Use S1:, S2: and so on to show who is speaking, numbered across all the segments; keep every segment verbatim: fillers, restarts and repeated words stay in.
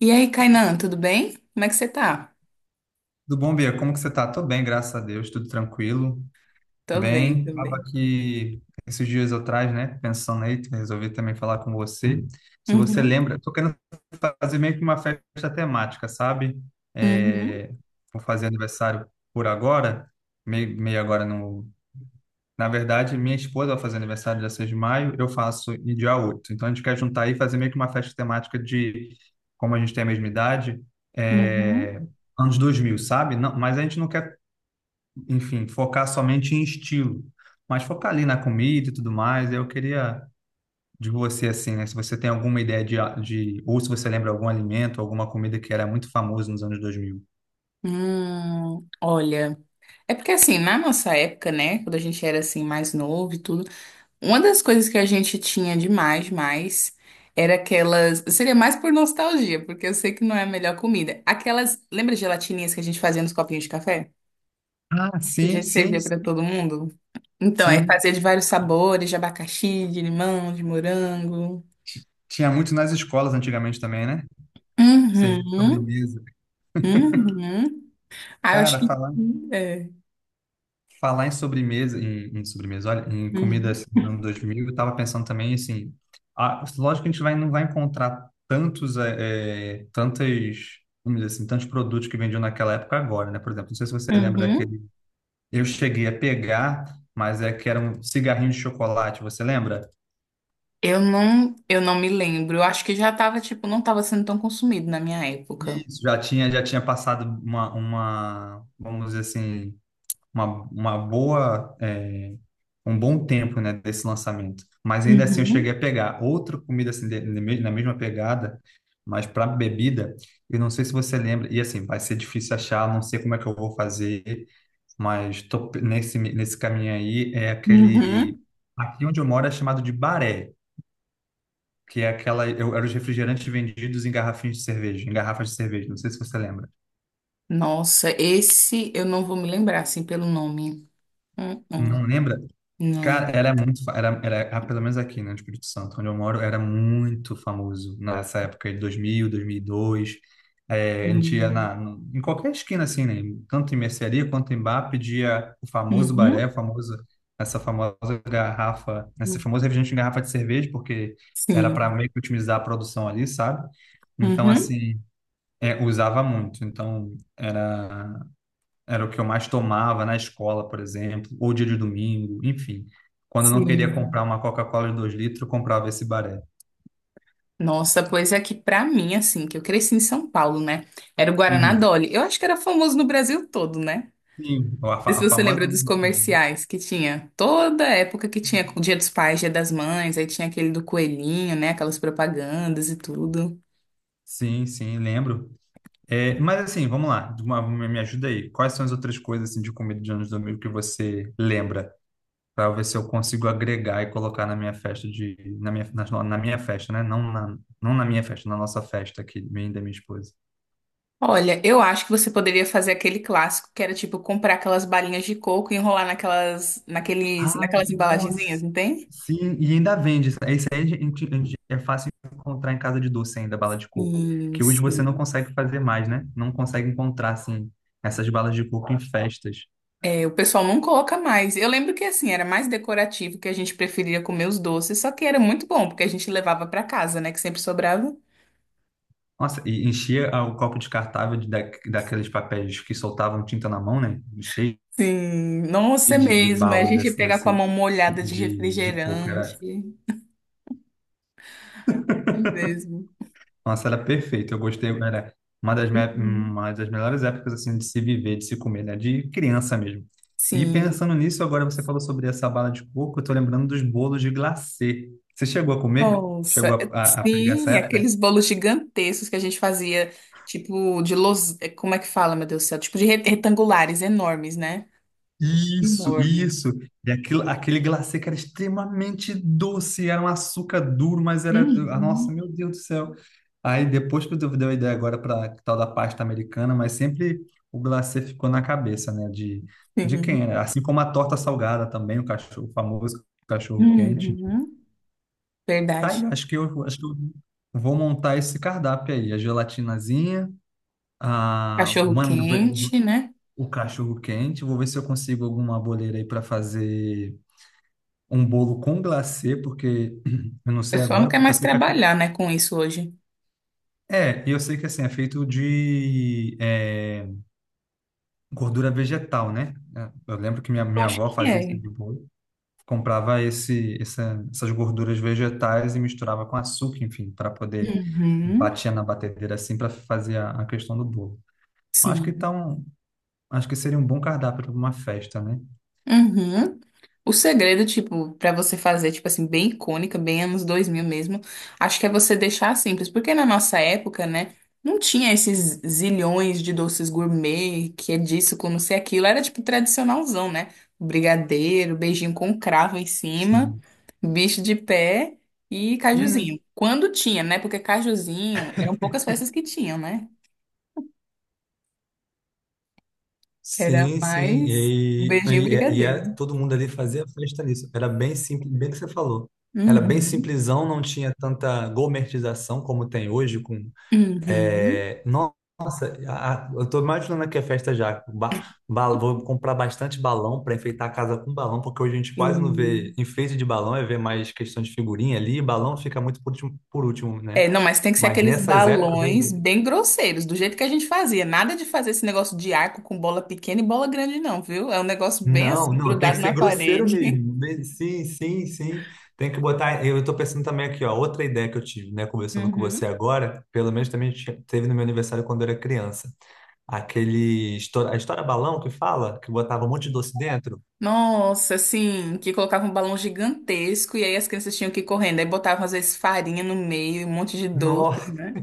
S1: E aí, Kainan, tudo bem? Como é que você tá?
S2: Tudo bom, Bia? Como que você tá? Tô bem, graças a Deus, tudo tranquilo.
S1: Tô bem, tô
S2: Bem, tava
S1: bem.
S2: aqui esses dias atrás, né, pensando aí, resolvi também falar com você. Se você
S1: Uhum,
S2: lembra, eu tô querendo fazer meio que uma festa temática, sabe?
S1: uhum,
S2: É, Vou fazer aniversário por agora, meio, meio agora no... Na verdade, minha esposa vai fazer aniversário dia seis de maio, eu faço em dia oito. Então, a gente quer juntar aí e fazer meio que uma festa temática de, como a gente tem a mesma idade,
S1: uhum.
S2: é, anos dois mil, sabe? Não, mas a gente não quer enfim, focar somente em estilo, mas focar ali na comida e tudo mais. Eu queria de você, assim, né? Se você tem alguma ideia de, ah, de ou se você lembra algum alimento, alguma comida que era muito famoso nos anos dois mil.
S1: Hum, olha, é porque assim, na nossa época, né, quando a gente era assim mais novo e tudo, uma das coisas que a gente tinha demais, mais, era aquelas, seria mais por nostalgia, porque eu sei que não é a melhor comida. Aquelas, lembra gelatininhas que a gente fazia nos copinhos de café?
S2: Ah,
S1: Que a
S2: sim,
S1: gente
S2: sim,
S1: servia pra todo mundo? Então, é
S2: sim.
S1: fazer de vários sabores, de abacaxi, de limão, de morango.
S2: Tinha muito nas escolas antigamente também, né? Serviço de
S1: Uhum.
S2: sobremesa.
S1: Uhum. Ah, eu acho
S2: Cara,
S1: que
S2: falar
S1: sim, é.
S2: Falar em sobremesa, em, em sobremesa, olha, em comida assim,
S1: Uhum.
S2: dos anos dois mil, eu tava pensando também, assim, a, lógico que a gente vai, não vai encontrar tantos, é, é, tantas, vamos dizer assim, tantos produtos que vendiam naquela época agora, né? Por exemplo, não sei se você lembra
S1: Uhum.
S2: daquele, eu cheguei a pegar, mas é que era um cigarrinho de chocolate, você lembra?
S1: Eu não, eu não me lembro. Eu acho que já tava, tipo, não tava sendo tão consumido na minha época.
S2: Isso, já tinha, já tinha passado uma, uma, vamos dizer assim, uma, uma boa, é, um bom tempo, né, desse lançamento. Mas ainda assim eu cheguei
S1: Uhum.
S2: a pegar outra comida assim, de- na na mesma pegada, mas para bebida, eu não sei se você lembra, e assim, vai ser difícil achar, não sei como é que eu vou fazer, mas tô pe- nesse, nesse caminho aí, é aquele...
S1: Uhum.
S2: Aqui onde eu moro é chamado de baré, que é aquela... Eu, era os refrigerantes vendidos em garrafinhas de cerveja, em garrafas de cerveja, não sei se você lembra.
S1: Nossa, esse eu não vou me lembrar, assim, pelo nome.
S2: Não
S1: Uhum.
S2: lembra? Cara,
S1: Não.
S2: era muito, fa- era, era, ah, pelo menos aqui, né, no Espírito Santo, onde eu moro, era muito famoso nessa época de dois mil, dois mil e dois. É, a gente ia
S1: Uhum.
S2: na, no- em qualquer esquina, assim, né, tanto em mercearia quanto em bar, pedia o famoso baré,
S1: Uhum.
S2: o famoso, essa famosa garrafa, esse famoso refrigerante em garrafa de cerveja, porque era para
S1: Sim.
S2: meio que otimizar a produção ali, sabe? Então,
S1: Uhum.
S2: assim, é, usava muito. Então, era era o que eu mais tomava na escola, por exemplo, ou dia de domingo, enfim. Quando eu não queria comprar
S1: Sim.
S2: uma Coca-Cola de dois litros, eu comprava esse baré.
S1: Nossa, pois é que pra mim, assim, que eu cresci em São Paulo, né? Era o Guaraná
S2: Uhum.
S1: Dolly. Eu acho que era famoso no Brasil todo, né?
S2: Sim, a,
S1: Sei se
S2: fa- a
S1: você
S2: famosa
S1: lembra dos
S2: musiquinha.
S1: comerciais que tinha. Toda época que tinha o Dia dos Pais, Dia das Mães, aí tinha aquele do coelhinho, né? Aquelas propagandas e tudo.
S2: Sim, sim, lembro. É, mas assim, vamos lá, de uma- me me ajuda aí. Quais são as outras coisas assim, de comida de anos domingo que você lembra? Para ver se eu consigo agregar e colocar na minha festa de na minha, na, na minha festa, né? Não na, não na minha festa, na nossa festa aqui, minha e da minha esposa.
S1: Olha, eu acho que você poderia fazer aquele clássico que era tipo comprar aquelas balinhas de coco e enrolar naquelas, naqueles,
S2: Ai,
S1: naquelas embalagenzinhas,
S2: nossa.
S1: não tem?
S2: Sim, e ainda vende. Isso aí a gente- a gente- é fácil encontrar em casa de doce ainda, bala de coco.
S1: Sim,
S2: Que hoje você não
S1: sim.
S2: consegue fazer mais, né? Não consegue encontrar, assim, essas balas de coco em festas.
S1: É, o pessoal não coloca mais. Eu lembro que assim, era mais decorativo, que a gente preferia comer os doces, só que era muito bom, porque a gente levava pra casa, né? Que sempre sobrava.
S2: Nossa, e enchia ah, o copo descartável de, da, daqueles papéis que soltavam tinta na mão, né? Cheio
S1: Sim, nossa, é
S2: de, de
S1: mesmo. A
S2: bala
S1: gente
S2: desse,
S1: pega com a
S2: nesse,
S1: mão molhada de
S2: de, de coco. Era,
S1: refrigerante. É mesmo.
S2: Nossa, era perfeito. Eu gostei, era uma das, me-
S1: Uhum.
S2: uma das melhores épocas assim de se viver, de se comer, né? De criança mesmo. E
S1: Sim,
S2: pensando nisso, agora você falou sobre essa bala de coco, eu tô lembrando dos bolos de glacê. Você chegou a comer?
S1: nossa,
S2: Chegou
S1: é-
S2: a, a- a pegar essa
S1: sim,
S2: época?
S1: aqueles bolos gigantescos que a gente fazia, tipo de los... É, como é que fala, meu Deus do céu? Tipo de re- retangulares enormes, né?
S2: Isso,
S1: Enormes.
S2: isso. E aquilo, aquele glacê que era extremamente doce, era um açúcar duro, mas era. ah,
S1: Uhum.
S2: Nossa, meu Deus do céu. Aí depois que eu dei a ideia agora para tal da pasta americana, mas sempre o glacê ficou na cabeça, né? De, de quem
S1: Sim.
S2: era. Assim como a torta salgada também, o cachorro o famoso cachorro quente.
S1: Uhum.
S2: Tá
S1: Verdade.
S2: aí, acho que eu, acho que eu vou montar esse cardápio aí. A gelatinazinha, a,
S1: Cachorro
S2: mano,
S1: quente, né?
S2: o cachorro quente. Vou ver se eu consigo alguma boleira aí para fazer. um bolo com glacê, porque eu não
S1: O
S2: sei
S1: pessoal não
S2: agora,
S1: quer
S2: porque eu
S1: mais
S2: sei que é feito.
S1: trabalhar, né, com isso hoje.
S2: É, e eu sei que assim, é feito de é, gordura vegetal, né? É, Eu lembro que minha,
S1: Eu
S2: minha
S1: acho
S2: avó
S1: que
S2: fazia esse
S1: é.
S2: tipo de bolo, comprava esse, essa- essas gorduras vegetais e misturava com açúcar, enfim, para poder
S1: Uhum.
S2: batia na batedeira assim para fazer a, a questão do bolo. Acho que
S1: Sim.
S2: então, acho que seria um bom cardápio para uma festa, né?
S1: Uhum. O segredo, tipo, pra você fazer, tipo assim, bem icônica, bem anos dois mil mesmo, acho que é você deixar simples, porque na nossa época, né, não tinha esses zilhões de doces gourmet, que é disso, com não sei aquilo, era tipo tradicionalzão, né? Brigadeiro, beijinho com cravo em cima,
S2: Sim.
S1: bicho de pé e cajuzinho. Quando tinha, né? Porque cajuzinho, eram poucas peças que tinham, né? Era
S2: Sim, sim.
S1: mais
S2: E,
S1: beijinho e
S2: e, e, é-
S1: brigadeiro.
S2: todo mundo ali fazia festa nisso. Era bem simples, bem o que você falou. Era bem
S1: Uhum.
S2: simplesão, não tinha tanta gourmetização como tem hoje. Com,
S1: Uhum.
S2: é, no- nossa, a- a- eu estou imaginando aqui a festa já. Ba, ba- vou comprar bastante balão para enfeitar a casa com balão, porque hoje a gente quase não vê
S1: Sim.
S2: enfeite de balão, é ver mais questão de figurinha ali, e balão fica muito por último, por último, né?
S1: É, não, mas tem que ser
S2: Mas
S1: aqueles
S2: nessas épocas,
S1: balões
S2: aí.
S1: bem grosseiros, do jeito que a gente fazia. Nada de fazer esse negócio de arco com bola pequena e bola grande, não, viu? É um negócio bem
S2: Não,
S1: assim,
S2: não, tem que
S1: grudado na
S2: ser grosseiro
S1: parede.
S2: mesmo. Bem, Sim, sim, sim. Tem que botar. Eu estou pensando também aqui, ó, outra ideia que eu tive, né, conversando com você
S1: Uhum.
S2: agora, pelo menos também tinha- teve no meu aniversário quando eu era criança. Aquele. histó- A história balão que fala, que botava um monte de doce dentro.
S1: Nossa, assim, que colocava um balão gigantesco e aí as crianças tinham que ir correndo. Aí botavam, às vezes, farinha no meio, um monte de doces, né?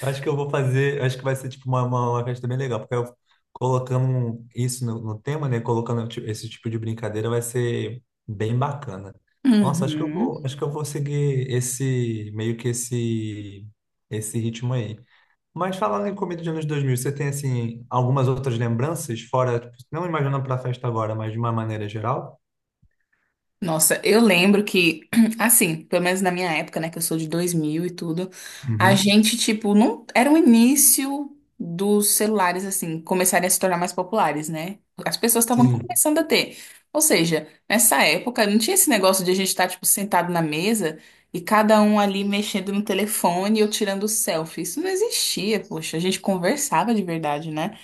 S2: Acho que eu vou fazer, acho que vai ser tipo uma, uma, uma festa bem legal, porque eu colocando um- isso no, no tema, né? Colocando ti- esse tipo de brincadeira vai ser bem bacana. Nossa, acho que eu
S1: Uhum.
S2: vou, acho que eu vou seguir esse meio que esse esse ritmo aí. Mas falando em comida de anos dois mil, você tem assim algumas outras lembranças fora, tipo, não imaginando para a festa agora, mas de uma maneira geral?
S1: Nossa, eu lembro que, assim, pelo menos na minha época, né, que eu sou de dois mil e tudo, a
S2: Uhum.
S1: gente, tipo, não era o início dos celulares, assim, começarem a se tornar mais populares, né? As pessoas estavam
S2: Sim.
S1: começando a ter. Ou seja, nessa época, não tinha esse negócio de a gente estar, tipo, sentado na mesa e cada um ali mexendo no telefone ou tirando selfie. Isso não existia, poxa, a gente conversava de verdade, né?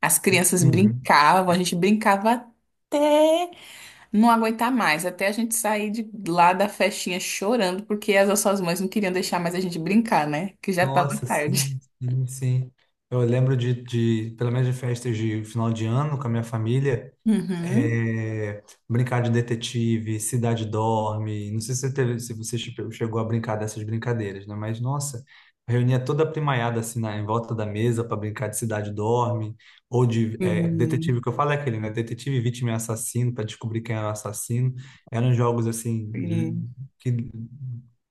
S1: As crianças
S2: Uhum.
S1: brincavam, a gente brincava não aguentar mais, até a gente sair de lá da festinha chorando, porque as nossas mães não queriam deixar mais a gente brincar, né? Que já tava
S2: Nossa,
S1: tarde.
S2: sim, sim, sim. Eu lembro de, de, pelo menos de festas de final de ano com a minha família,
S1: Uhum.
S2: é, brincar de detetive, Cidade Dorme. Não sei se você teve, se você che- chegou a brincar dessas brincadeiras, né? Mas, nossa, reunia toda a primaiada assim, na, em volta da mesa para brincar de Cidade Dorme, ou de é,
S1: Sim,
S2: detetive, que eu falo é aquele, né? Detetive, vítima e assassino, para descobrir quem era o assassino. Eram jogos assim,
S1: sim,
S2: que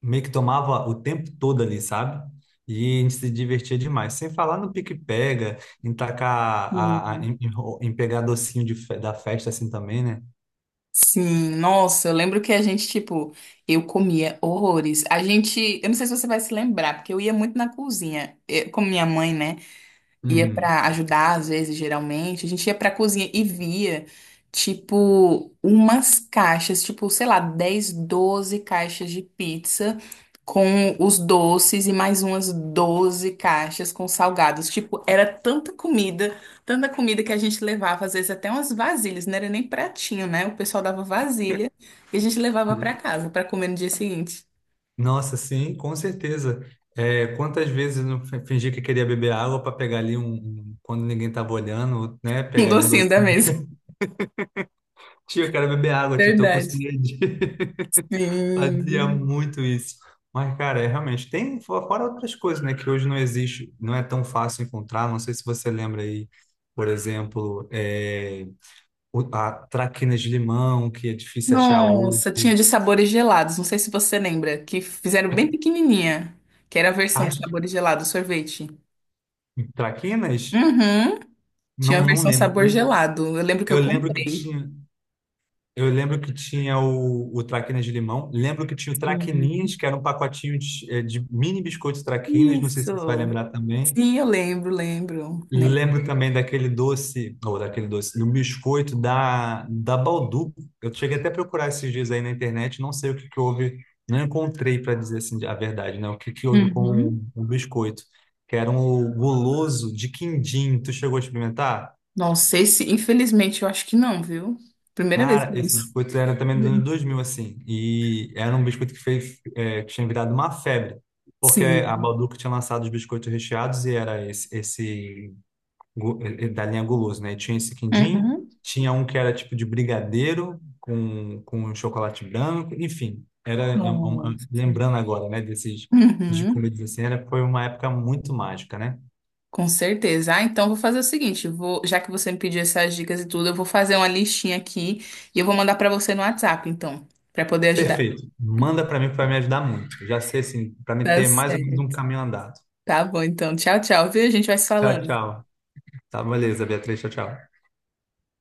S2: meio que tomava o tempo todo ali, sabe? E a gente se divertia demais. Sem falar no pique-pega, em tacar a, a-
S1: sim.
S2: em, em ro- em pegar docinho de fe- da festa assim também, né?
S1: Sim, nossa, eu lembro que a gente, tipo, eu comia horrores. A gente, eu não sei se você vai se lembrar, porque eu ia muito na cozinha, eu, com minha mãe, né? Ia
S2: Uhum.
S1: para ajudar às vezes, geralmente, a gente ia para cozinha e via tipo umas caixas, tipo, sei lá, dez doze caixas de pizza com os doces e mais umas doze caixas com salgados. Tipo, era tanta comida, tanta comida que a gente levava às vezes até umas vasilhas, não era nem pratinho, né? O pessoal dava vasilha e a gente levava para
S2: Uhum.
S1: casa para comer no dia seguinte.
S2: Nossa, sim, com certeza. É, quantas vezes eu não fi- fingi que queria beber água para pegar ali um, um- quando ninguém tava olhando, né?
S1: Um
S2: Pegar ali um
S1: docinho da
S2: docinho.
S1: mesa.
S2: Tio, eu quero beber água, tio, tô com
S1: Verdade.
S2: sede. Fazia
S1: Sim.
S2: muito isso. Mas, cara, é realmente. Tem fo- fora outras coisas, né? Que hoje não existe, não é tão fácil encontrar. Não sei se você lembra aí, por exemplo, é, o- a traquinas de limão, que é difícil achar hoje.
S1: Nossa, tinha de sabores gelados. Não sei se você lembra, que fizeram bem pequenininha, que era a versão de
S2: As
S1: sabores gelados, sorvete.
S2: traquinas?
S1: Uhum. Tinha a
S2: Não, não
S1: versão sabor
S2: lembro.
S1: gelado. Eu lembro que
S2: Eu,
S1: eu
S2: eu lembro que
S1: comprei.
S2: tinha. Eu lembro que tinha o, o traquinas de limão. Lembro que tinha o traquininhas,
S1: Uhum.
S2: que era um pacotinho de, eh, de mini biscoitos traquinas. Não sei se você vai
S1: Isso.
S2: lembrar também.
S1: Sim, eu lembro, lembro, né?
S2: Lembro também daquele doce, ou daquele doce, do biscoito da, da Baldu. Eu cheguei até a procurar esses dias aí na internet, não sei o que que houve, não encontrei para dizer assim a verdade, né? O que que houve com
S1: Uhum.
S2: o biscoito, que era um guloso de quindim. Tu chegou a experimentar?
S1: Não sei se, infelizmente, eu acho que não, viu? Primeira vez que eu
S2: Cara, esse
S1: uso.
S2: biscoito era também dos anos dois mil assim, e era um biscoito que fez, é, que tinha virado uma febre, porque a
S1: Sim.
S2: Balduco tinha lançado os biscoitos recheados e era esse, esse gu- eh, da linha guloso, né? Tinha esse quindim,
S1: Uhum.
S2: tinha um que era tipo de brigadeiro com, com chocolate branco, enfim, era é um- é um-
S1: Nossa.
S2: lembrando agora, né, desses de
S1: Uhum.
S2: comida assim, era, foi uma época muito mágica, né?
S1: Com certeza. Ah, então vou fazer o seguinte, vou, já que você me pediu essas dicas e tudo, eu vou fazer uma listinha aqui e eu vou mandar pra você no WhatsApp, então, pra poder ajudar.
S2: Perfeito. Manda para mim que vai me ajudar muito. Já sei assim, para me
S1: Tá
S2: ter mais ou menos um
S1: certo.
S2: caminho andado.
S1: Tá bom, então. Tchau, tchau, viu? A gente vai se
S2: Tchau,
S1: falando.
S2: tchau. Tá, beleza, Beatriz. Tchau, tchau.